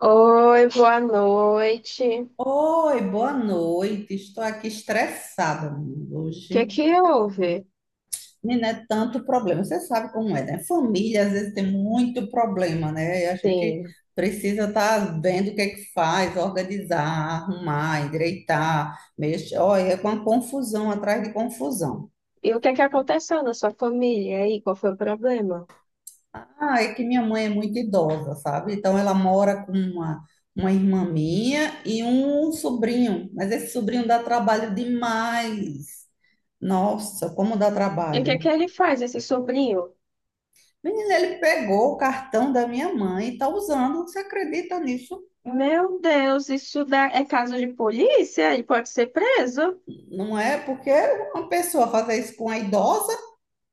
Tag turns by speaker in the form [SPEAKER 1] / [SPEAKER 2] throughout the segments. [SPEAKER 1] Oi, boa noite. O
[SPEAKER 2] Oi, boa noite. Estou aqui estressada menina,
[SPEAKER 1] que
[SPEAKER 2] hoje.
[SPEAKER 1] que houve?
[SPEAKER 2] Menina, é tanto problema. Você sabe como é, né? Família às vezes tem muito problema, né? E a gente
[SPEAKER 1] Sim.
[SPEAKER 2] precisa estar vendo o que é que faz, organizar, arrumar, endireitar, mexer. Olha, é com uma confusão atrás de confusão.
[SPEAKER 1] E o que é que aconteceu na sua família aí? Qual foi o problema?
[SPEAKER 2] Ah, é que minha mãe é muito idosa, sabe? Então ela mora com uma irmã minha e um sobrinho, mas esse sobrinho dá trabalho demais. Nossa, como dá
[SPEAKER 1] E o que é que
[SPEAKER 2] trabalho.
[SPEAKER 1] ele faz, esse sobrinho?
[SPEAKER 2] Menina, ele pegou o cartão da minha mãe e está usando. Você acredita nisso?
[SPEAKER 1] Meu Deus, isso dá... é caso de polícia? Ele pode ser preso?
[SPEAKER 2] Não é? Porque uma pessoa fazer isso com a idosa.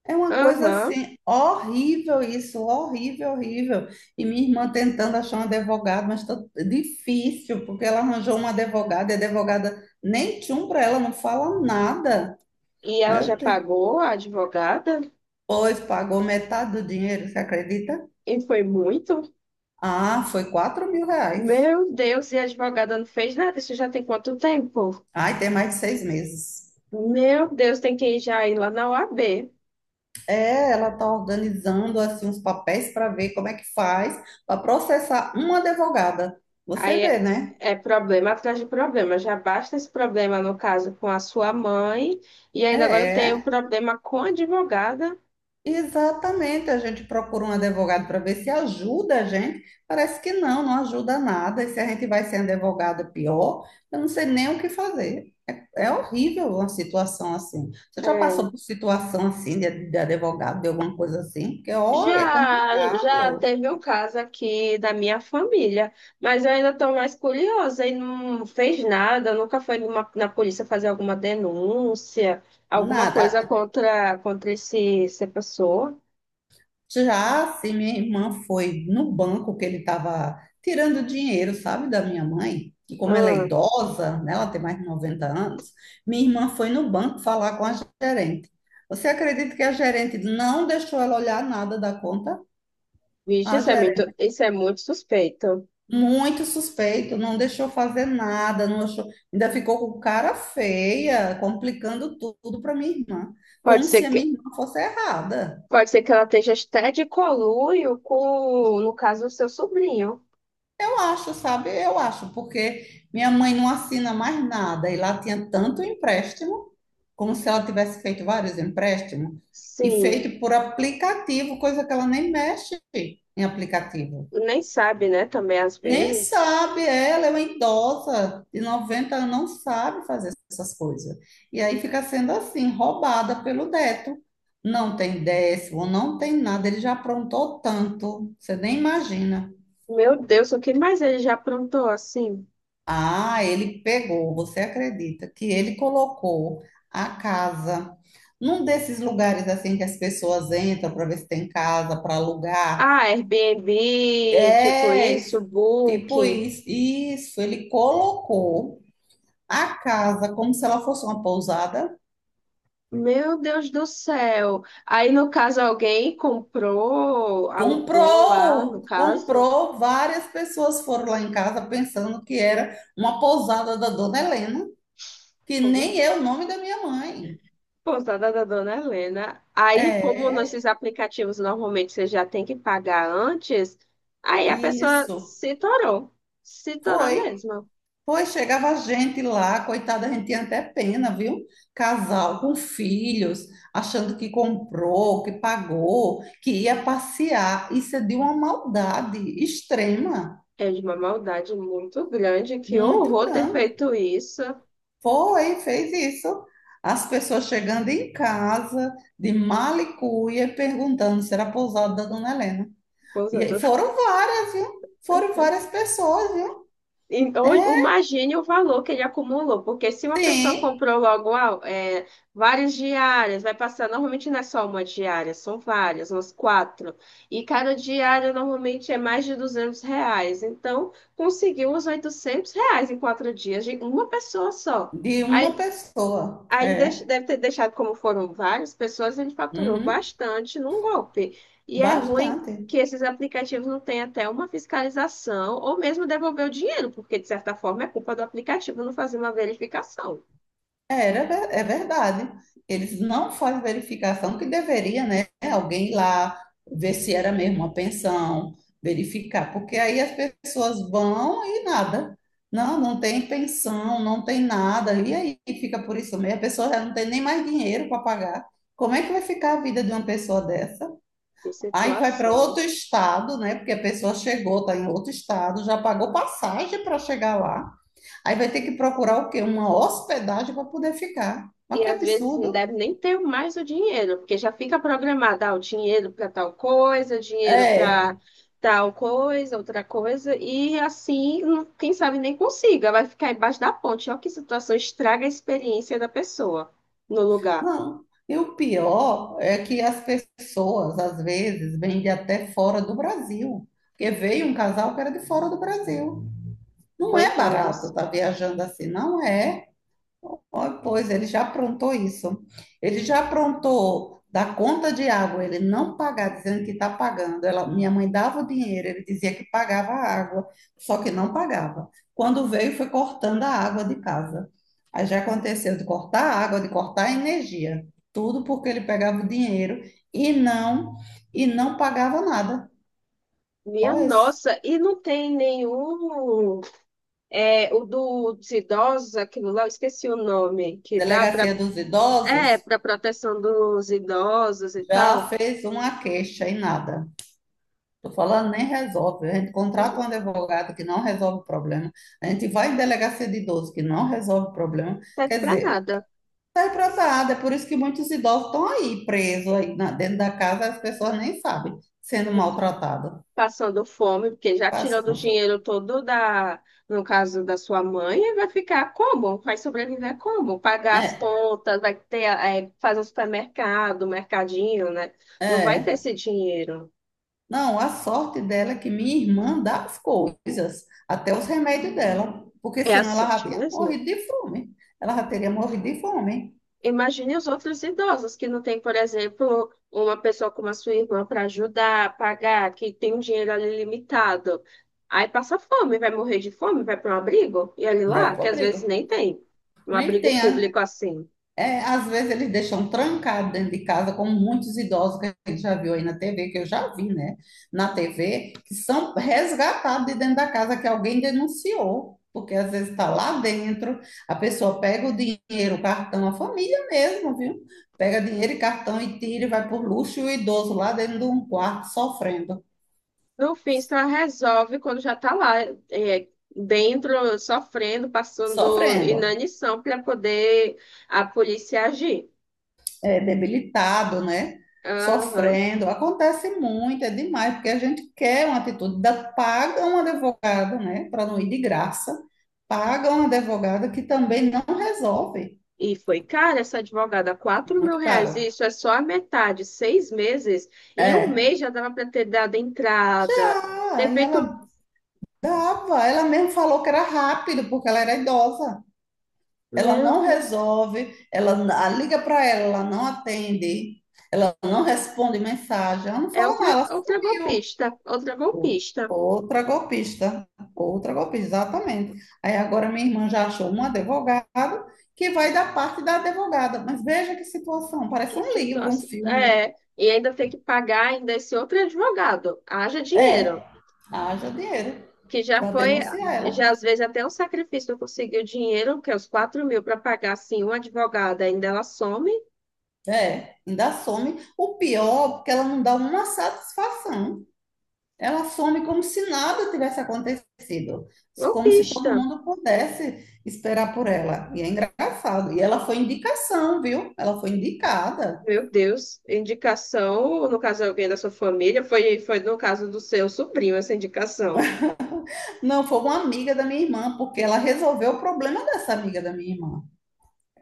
[SPEAKER 2] É uma coisa
[SPEAKER 1] Aham.
[SPEAKER 2] assim, horrível isso, horrível, horrível. E minha irmã tentando achar um advogado, mas tá difícil, porque ela arranjou uma advogada, e a advogada nem tchum para ela, não fala nada.
[SPEAKER 1] E ela já
[SPEAKER 2] Meu Deus.
[SPEAKER 1] pagou a advogada?
[SPEAKER 2] Pois pagou metade do dinheiro, você acredita?
[SPEAKER 1] E foi muito?
[SPEAKER 2] Ah, foi R$ 4.000.
[SPEAKER 1] Meu Deus, e a advogada não fez nada? Isso já tem quanto tempo?
[SPEAKER 2] Ai, tem mais de 6 meses.
[SPEAKER 1] Meu Deus, tem que ir já ir lá na OAB.
[SPEAKER 2] É, ela tá organizando assim uns papéis para ver como é que faz para processar uma advogada. Você
[SPEAKER 1] Aí
[SPEAKER 2] vê,
[SPEAKER 1] é,
[SPEAKER 2] né?
[SPEAKER 1] é problema atrás de problema. Já basta esse problema, no caso, com a sua mãe, e
[SPEAKER 2] É,
[SPEAKER 1] ainda agora tem um
[SPEAKER 2] é
[SPEAKER 1] problema com a advogada.
[SPEAKER 2] Exatamente, a gente procura um advogado para ver se ajuda a gente. Parece que não, não ajuda nada. E se a gente vai ser um advogado pior, eu não sei nem o que fazer. É, é horrível uma situação assim. Você já passou
[SPEAKER 1] É.
[SPEAKER 2] por situação assim de advogado, de alguma coisa assim? Porque, olha, é
[SPEAKER 1] Já
[SPEAKER 2] complicado.
[SPEAKER 1] teve um caso aqui da minha família, mas eu ainda estou mais curiosa e não fez nada, nunca foi na polícia fazer alguma denúncia, alguma coisa
[SPEAKER 2] Nada.
[SPEAKER 1] contra essa pessoa.
[SPEAKER 2] Já se minha irmã foi no banco que ele estava tirando dinheiro, sabe, da minha mãe, e como ela é
[SPEAKER 1] Ah,
[SPEAKER 2] idosa, né, ela tem mais de 90 anos, minha irmã foi no banco falar com a gerente. Você acredita que a gerente não deixou ela olhar nada da conta?
[SPEAKER 1] vixe,
[SPEAKER 2] A gerente,
[SPEAKER 1] isso é muito suspeito.
[SPEAKER 2] muito suspeito, não deixou fazer nada, não achou, ainda ficou com cara feia, complicando tudo para minha irmã,
[SPEAKER 1] Pode
[SPEAKER 2] como
[SPEAKER 1] ser
[SPEAKER 2] se a minha
[SPEAKER 1] que
[SPEAKER 2] irmã fosse errada.
[SPEAKER 1] Pode ser que ela esteja até de conluio com, no caso, o seu sobrinho.
[SPEAKER 2] Eu acho, sabe? Eu acho, porque minha mãe não assina mais nada e lá tinha tanto empréstimo, como se ela tivesse feito vários empréstimos, e
[SPEAKER 1] Sim,
[SPEAKER 2] feito por aplicativo, coisa que ela nem mexe em aplicativo.
[SPEAKER 1] nem sabe, né? Também às
[SPEAKER 2] Nem
[SPEAKER 1] vezes.
[SPEAKER 2] sabe, ela é uma idosa de 90 anos, não sabe fazer essas coisas. E aí fica sendo assim, roubada pelo neto. Não tem décimo, não tem nada, ele já aprontou tanto, você nem imagina.
[SPEAKER 1] Meu Deus, o que mais ele já aprontou assim?
[SPEAKER 2] Ah, ele pegou, você acredita que ele colocou a casa num desses lugares assim que as pessoas entram para ver se tem casa para alugar?
[SPEAKER 1] Ah, Airbnb, tipo
[SPEAKER 2] É,
[SPEAKER 1] isso,
[SPEAKER 2] isso, tipo
[SPEAKER 1] Booking.
[SPEAKER 2] isso, isso, ele colocou a casa como se ela fosse uma pousada.
[SPEAKER 1] Meu Deus do céu. Aí, no caso, alguém comprou, alugou lá, no
[SPEAKER 2] Comprou,
[SPEAKER 1] caso.
[SPEAKER 2] comprou, várias pessoas foram lá em casa pensando que era uma pousada da Dona Helena, que nem é o nome da minha mãe.
[SPEAKER 1] Pousada da Dona Helena. Aí, como
[SPEAKER 2] É,
[SPEAKER 1] nesses aplicativos normalmente você já tem que pagar antes, aí a pessoa
[SPEAKER 2] isso.
[SPEAKER 1] se torou. Se torou
[SPEAKER 2] Foi.
[SPEAKER 1] mesmo.
[SPEAKER 2] Pois chegava a gente lá, coitada, a gente tinha até pena, viu? Casal com filhos, achando que comprou, que pagou, que ia passear. Isso é de uma maldade extrema,
[SPEAKER 1] É de uma maldade muito grande. Que
[SPEAKER 2] muito
[SPEAKER 1] horror ter
[SPEAKER 2] grande.
[SPEAKER 1] feito isso.
[SPEAKER 2] Foi, fez isso. As pessoas chegando em casa, de mala e cuia, perguntando se era a pousada da Dona Helena. E aí
[SPEAKER 1] Pousada
[SPEAKER 2] foram várias, viu? Foram várias pessoas, viu?
[SPEAKER 1] Então,
[SPEAKER 2] É,
[SPEAKER 1] imagine o valor que ele acumulou, porque se uma pessoa
[SPEAKER 2] tem,
[SPEAKER 1] comprou logo ah, é, várias diárias, vai passar, normalmente não é só uma diária, são várias, umas quatro, e cada diária normalmente é mais de R$ 200, então conseguiu os R$ 800 em 4 dias, de uma pessoa só.
[SPEAKER 2] de uma pessoa.
[SPEAKER 1] Aí ele
[SPEAKER 2] É.
[SPEAKER 1] deve ter deixado, como foram várias pessoas, ele faturou
[SPEAKER 2] Uhum.
[SPEAKER 1] bastante num golpe. E é ruim
[SPEAKER 2] Bastante.
[SPEAKER 1] que esses aplicativos não tenham até uma fiscalização ou mesmo devolver o dinheiro, porque de certa forma é culpa do aplicativo não fazer uma verificação.
[SPEAKER 2] É verdade. Eles não fazem verificação que deveria, né? Alguém ir lá ver se era mesmo uma pensão, verificar, porque aí as pessoas vão e nada. Não, não tem pensão, não tem nada. E aí fica por isso mesmo. A pessoa já não tem nem mais dinheiro para pagar. Como é que vai ficar a vida de uma pessoa dessa?
[SPEAKER 1] Que
[SPEAKER 2] Aí vai para
[SPEAKER 1] situação,
[SPEAKER 2] outro estado, né? Porque a pessoa chegou, está em outro estado, já pagou passagem para chegar lá. Aí vai ter que procurar o quê? Uma hospedagem para poder ficar. Mas
[SPEAKER 1] e
[SPEAKER 2] que
[SPEAKER 1] às vezes não
[SPEAKER 2] absurdo.
[SPEAKER 1] deve nem ter mais o dinheiro, porque já fica programado, ah, o dinheiro para tal coisa, dinheiro
[SPEAKER 2] É,
[SPEAKER 1] para tal coisa, outra coisa, e assim, não- quem sabe nem consiga, vai ficar embaixo da ponte. Olha que situação, estraga a experiência da pessoa no lugar.
[SPEAKER 2] não. E o pior é que as pessoas, às vezes, vêm de até fora do Brasil. Porque veio um casal que era de fora do Brasil. Não é barato
[SPEAKER 1] Coitados.
[SPEAKER 2] estar viajando assim, não é. Oh, pois ele já aprontou isso. Ele já aprontou da conta de água, ele não pagar, dizendo que está pagando. Ela, minha mãe dava o dinheiro, ele dizia que pagava a água, só que não pagava. Quando veio, foi cortando a água de casa. Aí já aconteceu de cortar a água, de cortar a energia, tudo porque ele pegava o dinheiro e não e não pagava nada.
[SPEAKER 1] Minha
[SPEAKER 2] Ó,
[SPEAKER 1] nossa, e não tem nenhum. É, dos idosos, aquilo lá, eu esqueci o nome, que dá para.
[SPEAKER 2] Delegacia dos
[SPEAKER 1] É,
[SPEAKER 2] Idosos
[SPEAKER 1] para proteção dos idosos e tal.
[SPEAKER 2] já fez uma queixa e nada. Estou falando, nem resolve. A gente contrata
[SPEAKER 1] Não
[SPEAKER 2] um advogado que não resolve o problema. A gente vai em delegacia de idosos que não resolve o problema.
[SPEAKER 1] serve
[SPEAKER 2] Quer
[SPEAKER 1] para
[SPEAKER 2] dizer,
[SPEAKER 1] nada.
[SPEAKER 2] sai para essa área. É por isso que muitos idosos estão aí presos aí dentro da casa. As pessoas nem sabem sendo maltratadas.
[SPEAKER 1] Passando fome, porque já
[SPEAKER 2] Passa,
[SPEAKER 1] tirando o
[SPEAKER 2] não foi?
[SPEAKER 1] dinheiro todo da, no caso da sua mãe, vai ficar como? Vai sobreviver como? Pagar as
[SPEAKER 2] É,
[SPEAKER 1] contas, vai ter, é, fazer um supermercado, um mercadinho, né? Não vai ter
[SPEAKER 2] é.
[SPEAKER 1] esse dinheiro.
[SPEAKER 2] Não, a sorte dela é que minha irmã dá as coisas, até os remédios dela, porque
[SPEAKER 1] É a
[SPEAKER 2] senão ela já
[SPEAKER 1] sorte
[SPEAKER 2] tinha
[SPEAKER 1] mesmo?
[SPEAKER 2] morrido de fome. Ela já teria morrido de fome.
[SPEAKER 1] Imagine os outros idosos que não tem, por exemplo, uma pessoa como a sua irmã para ajudar, pagar, que tem um dinheiro ali limitado. Aí passa fome, vai morrer de fome, vai para um abrigo, e ele
[SPEAKER 2] Vai
[SPEAKER 1] lá,
[SPEAKER 2] pro
[SPEAKER 1] que às
[SPEAKER 2] abrigo.
[SPEAKER 1] vezes nem tem um
[SPEAKER 2] Nem
[SPEAKER 1] abrigo
[SPEAKER 2] tem.
[SPEAKER 1] público assim.
[SPEAKER 2] É, às vezes eles deixam trancado dentro de casa, como muitos idosos que a gente já viu aí na TV, que eu já vi, né? Na TV, que são resgatados de dentro da casa que alguém denunciou, porque às vezes está lá dentro, a pessoa pega o dinheiro, o cartão, a família mesmo, viu? Pega dinheiro e cartão e tira e vai por luxo e o idoso lá dentro de um quarto sofrendo,
[SPEAKER 1] No fim, só resolve quando já está lá, é, dentro, sofrendo, passando
[SPEAKER 2] sofrendo.
[SPEAKER 1] inanição para poder a polícia agir.
[SPEAKER 2] É, debilitado, né?
[SPEAKER 1] Aham.
[SPEAKER 2] Sofrendo. Acontece muito, é demais, porque a gente quer uma atitude da paga um advogado, né? Para não ir de graça, paga um advogado que também não resolve.
[SPEAKER 1] E foi cara essa advogada, quatro mil
[SPEAKER 2] Muito
[SPEAKER 1] reais,
[SPEAKER 2] caro.
[SPEAKER 1] isso é só a metade, 6 meses. Em um
[SPEAKER 2] É.
[SPEAKER 1] mês já dava para ter dado entrada, ter
[SPEAKER 2] Ah, e
[SPEAKER 1] feito.
[SPEAKER 2] ela tava, ela mesmo falou que era rápido, porque ela era idosa. Ela
[SPEAKER 1] Meu
[SPEAKER 2] não
[SPEAKER 1] Deus,
[SPEAKER 2] resolve, ela a liga para ela, ela não atende, ela não responde mensagem, ela não
[SPEAKER 1] é
[SPEAKER 2] fala nada, ela
[SPEAKER 1] outra
[SPEAKER 2] sumiu.
[SPEAKER 1] golpista, outra
[SPEAKER 2] O-
[SPEAKER 1] golpista.
[SPEAKER 2] Outra golpista, exatamente. Aí agora minha irmã já achou um advogado que vai da parte da advogada. Mas veja que situação, parece
[SPEAKER 1] Que
[SPEAKER 2] um livro, um
[SPEAKER 1] situação.
[SPEAKER 2] filme.
[SPEAKER 1] É, e ainda tem que pagar ainda esse outro advogado. Haja dinheiro
[SPEAKER 2] É, haja dinheiro
[SPEAKER 1] que já
[SPEAKER 2] para
[SPEAKER 1] foi,
[SPEAKER 2] denunciar ela.
[SPEAKER 1] já às vezes até um sacrifício eu conseguir o dinheiro, que é os 4 mil para pagar assim um advogado, ainda ela some,
[SPEAKER 2] É, ainda some. O pior, porque ela não dá uma satisfação. Ela some como se nada tivesse acontecido, como se todo
[SPEAKER 1] golpista.
[SPEAKER 2] mundo pudesse esperar por ela. E é engraçado. E ela foi indicação, viu? Ela foi indicada.
[SPEAKER 1] Meu Deus, indicação, no caso alguém da sua família, foi no caso do seu sobrinho essa indicação.
[SPEAKER 2] Não, foi uma amiga da minha irmã, porque ela resolveu o problema dessa amiga da minha irmã.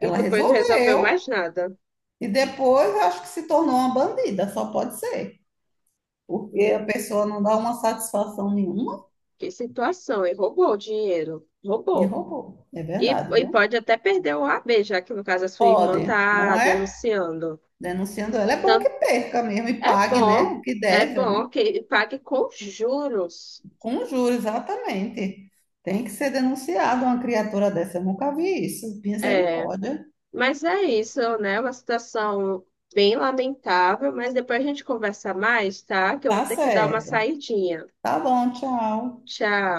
[SPEAKER 1] E depois não resolveu
[SPEAKER 2] resolveu
[SPEAKER 1] mais nada,
[SPEAKER 2] e depois eu acho que se tornou uma bandida, só pode ser. Porque a
[SPEAKER 1] né?
[SPEAKER 2] pessoa não dá uma satisfação nenhuma
[SPEAKER 1] Que situação, e roubou o dinheiro,
[SPEAKER 2] e
[SPEAKER 1] roubou.
[SPEAKER 2] roubou. É
[SPEAKER 1] E,
[SPEAKER 2] verdade,
[SPEAKER 1] e
[SPEAKER 2] viu?
[SPEAKER 1] pode até perder o AB, já que no caso a sua irmã
[SPEAKER 2] Pode,
[SPEAKER 1] está
[SPEAKER 2] não é?
[SPEAKER 1] denunciando.
[SPEAKER 2] Denunciando ela, é bom
[SPEAKER 1] Então,
[SPEAKER 2] que perca mesmo e
[SPEAKER 1] é
[SPEAKER 2] pague, né?
[SPEAKER 1] bom,
[SPEAKER 2] O que
[SPEAKER 1] é
[SPEAKER 2] deve, né?
[SPEAKER 1] bom que pague com juros.
[SPEAKER 2] Com juros, exatamente. Tem que ser denunciado uma criatura dessa. Eu nunca vi isso.
[SPEAKER 1] É,
[SPEAKER 2] Misericórdia.
[SPEAKER 1] mas é isso, né? é uma situação bem lamentável, mas depois a gente conversa mais, tá? Que eu vou
[SPEAKER 2] Tá
[SPEAKER 1] ter que dar uma
[SPEAKER 2] certo.
[SPEAKER 1] saidinha.
[SPEAKER 2] Tá bom, tchau.
[SPEAKER 1] Tchau.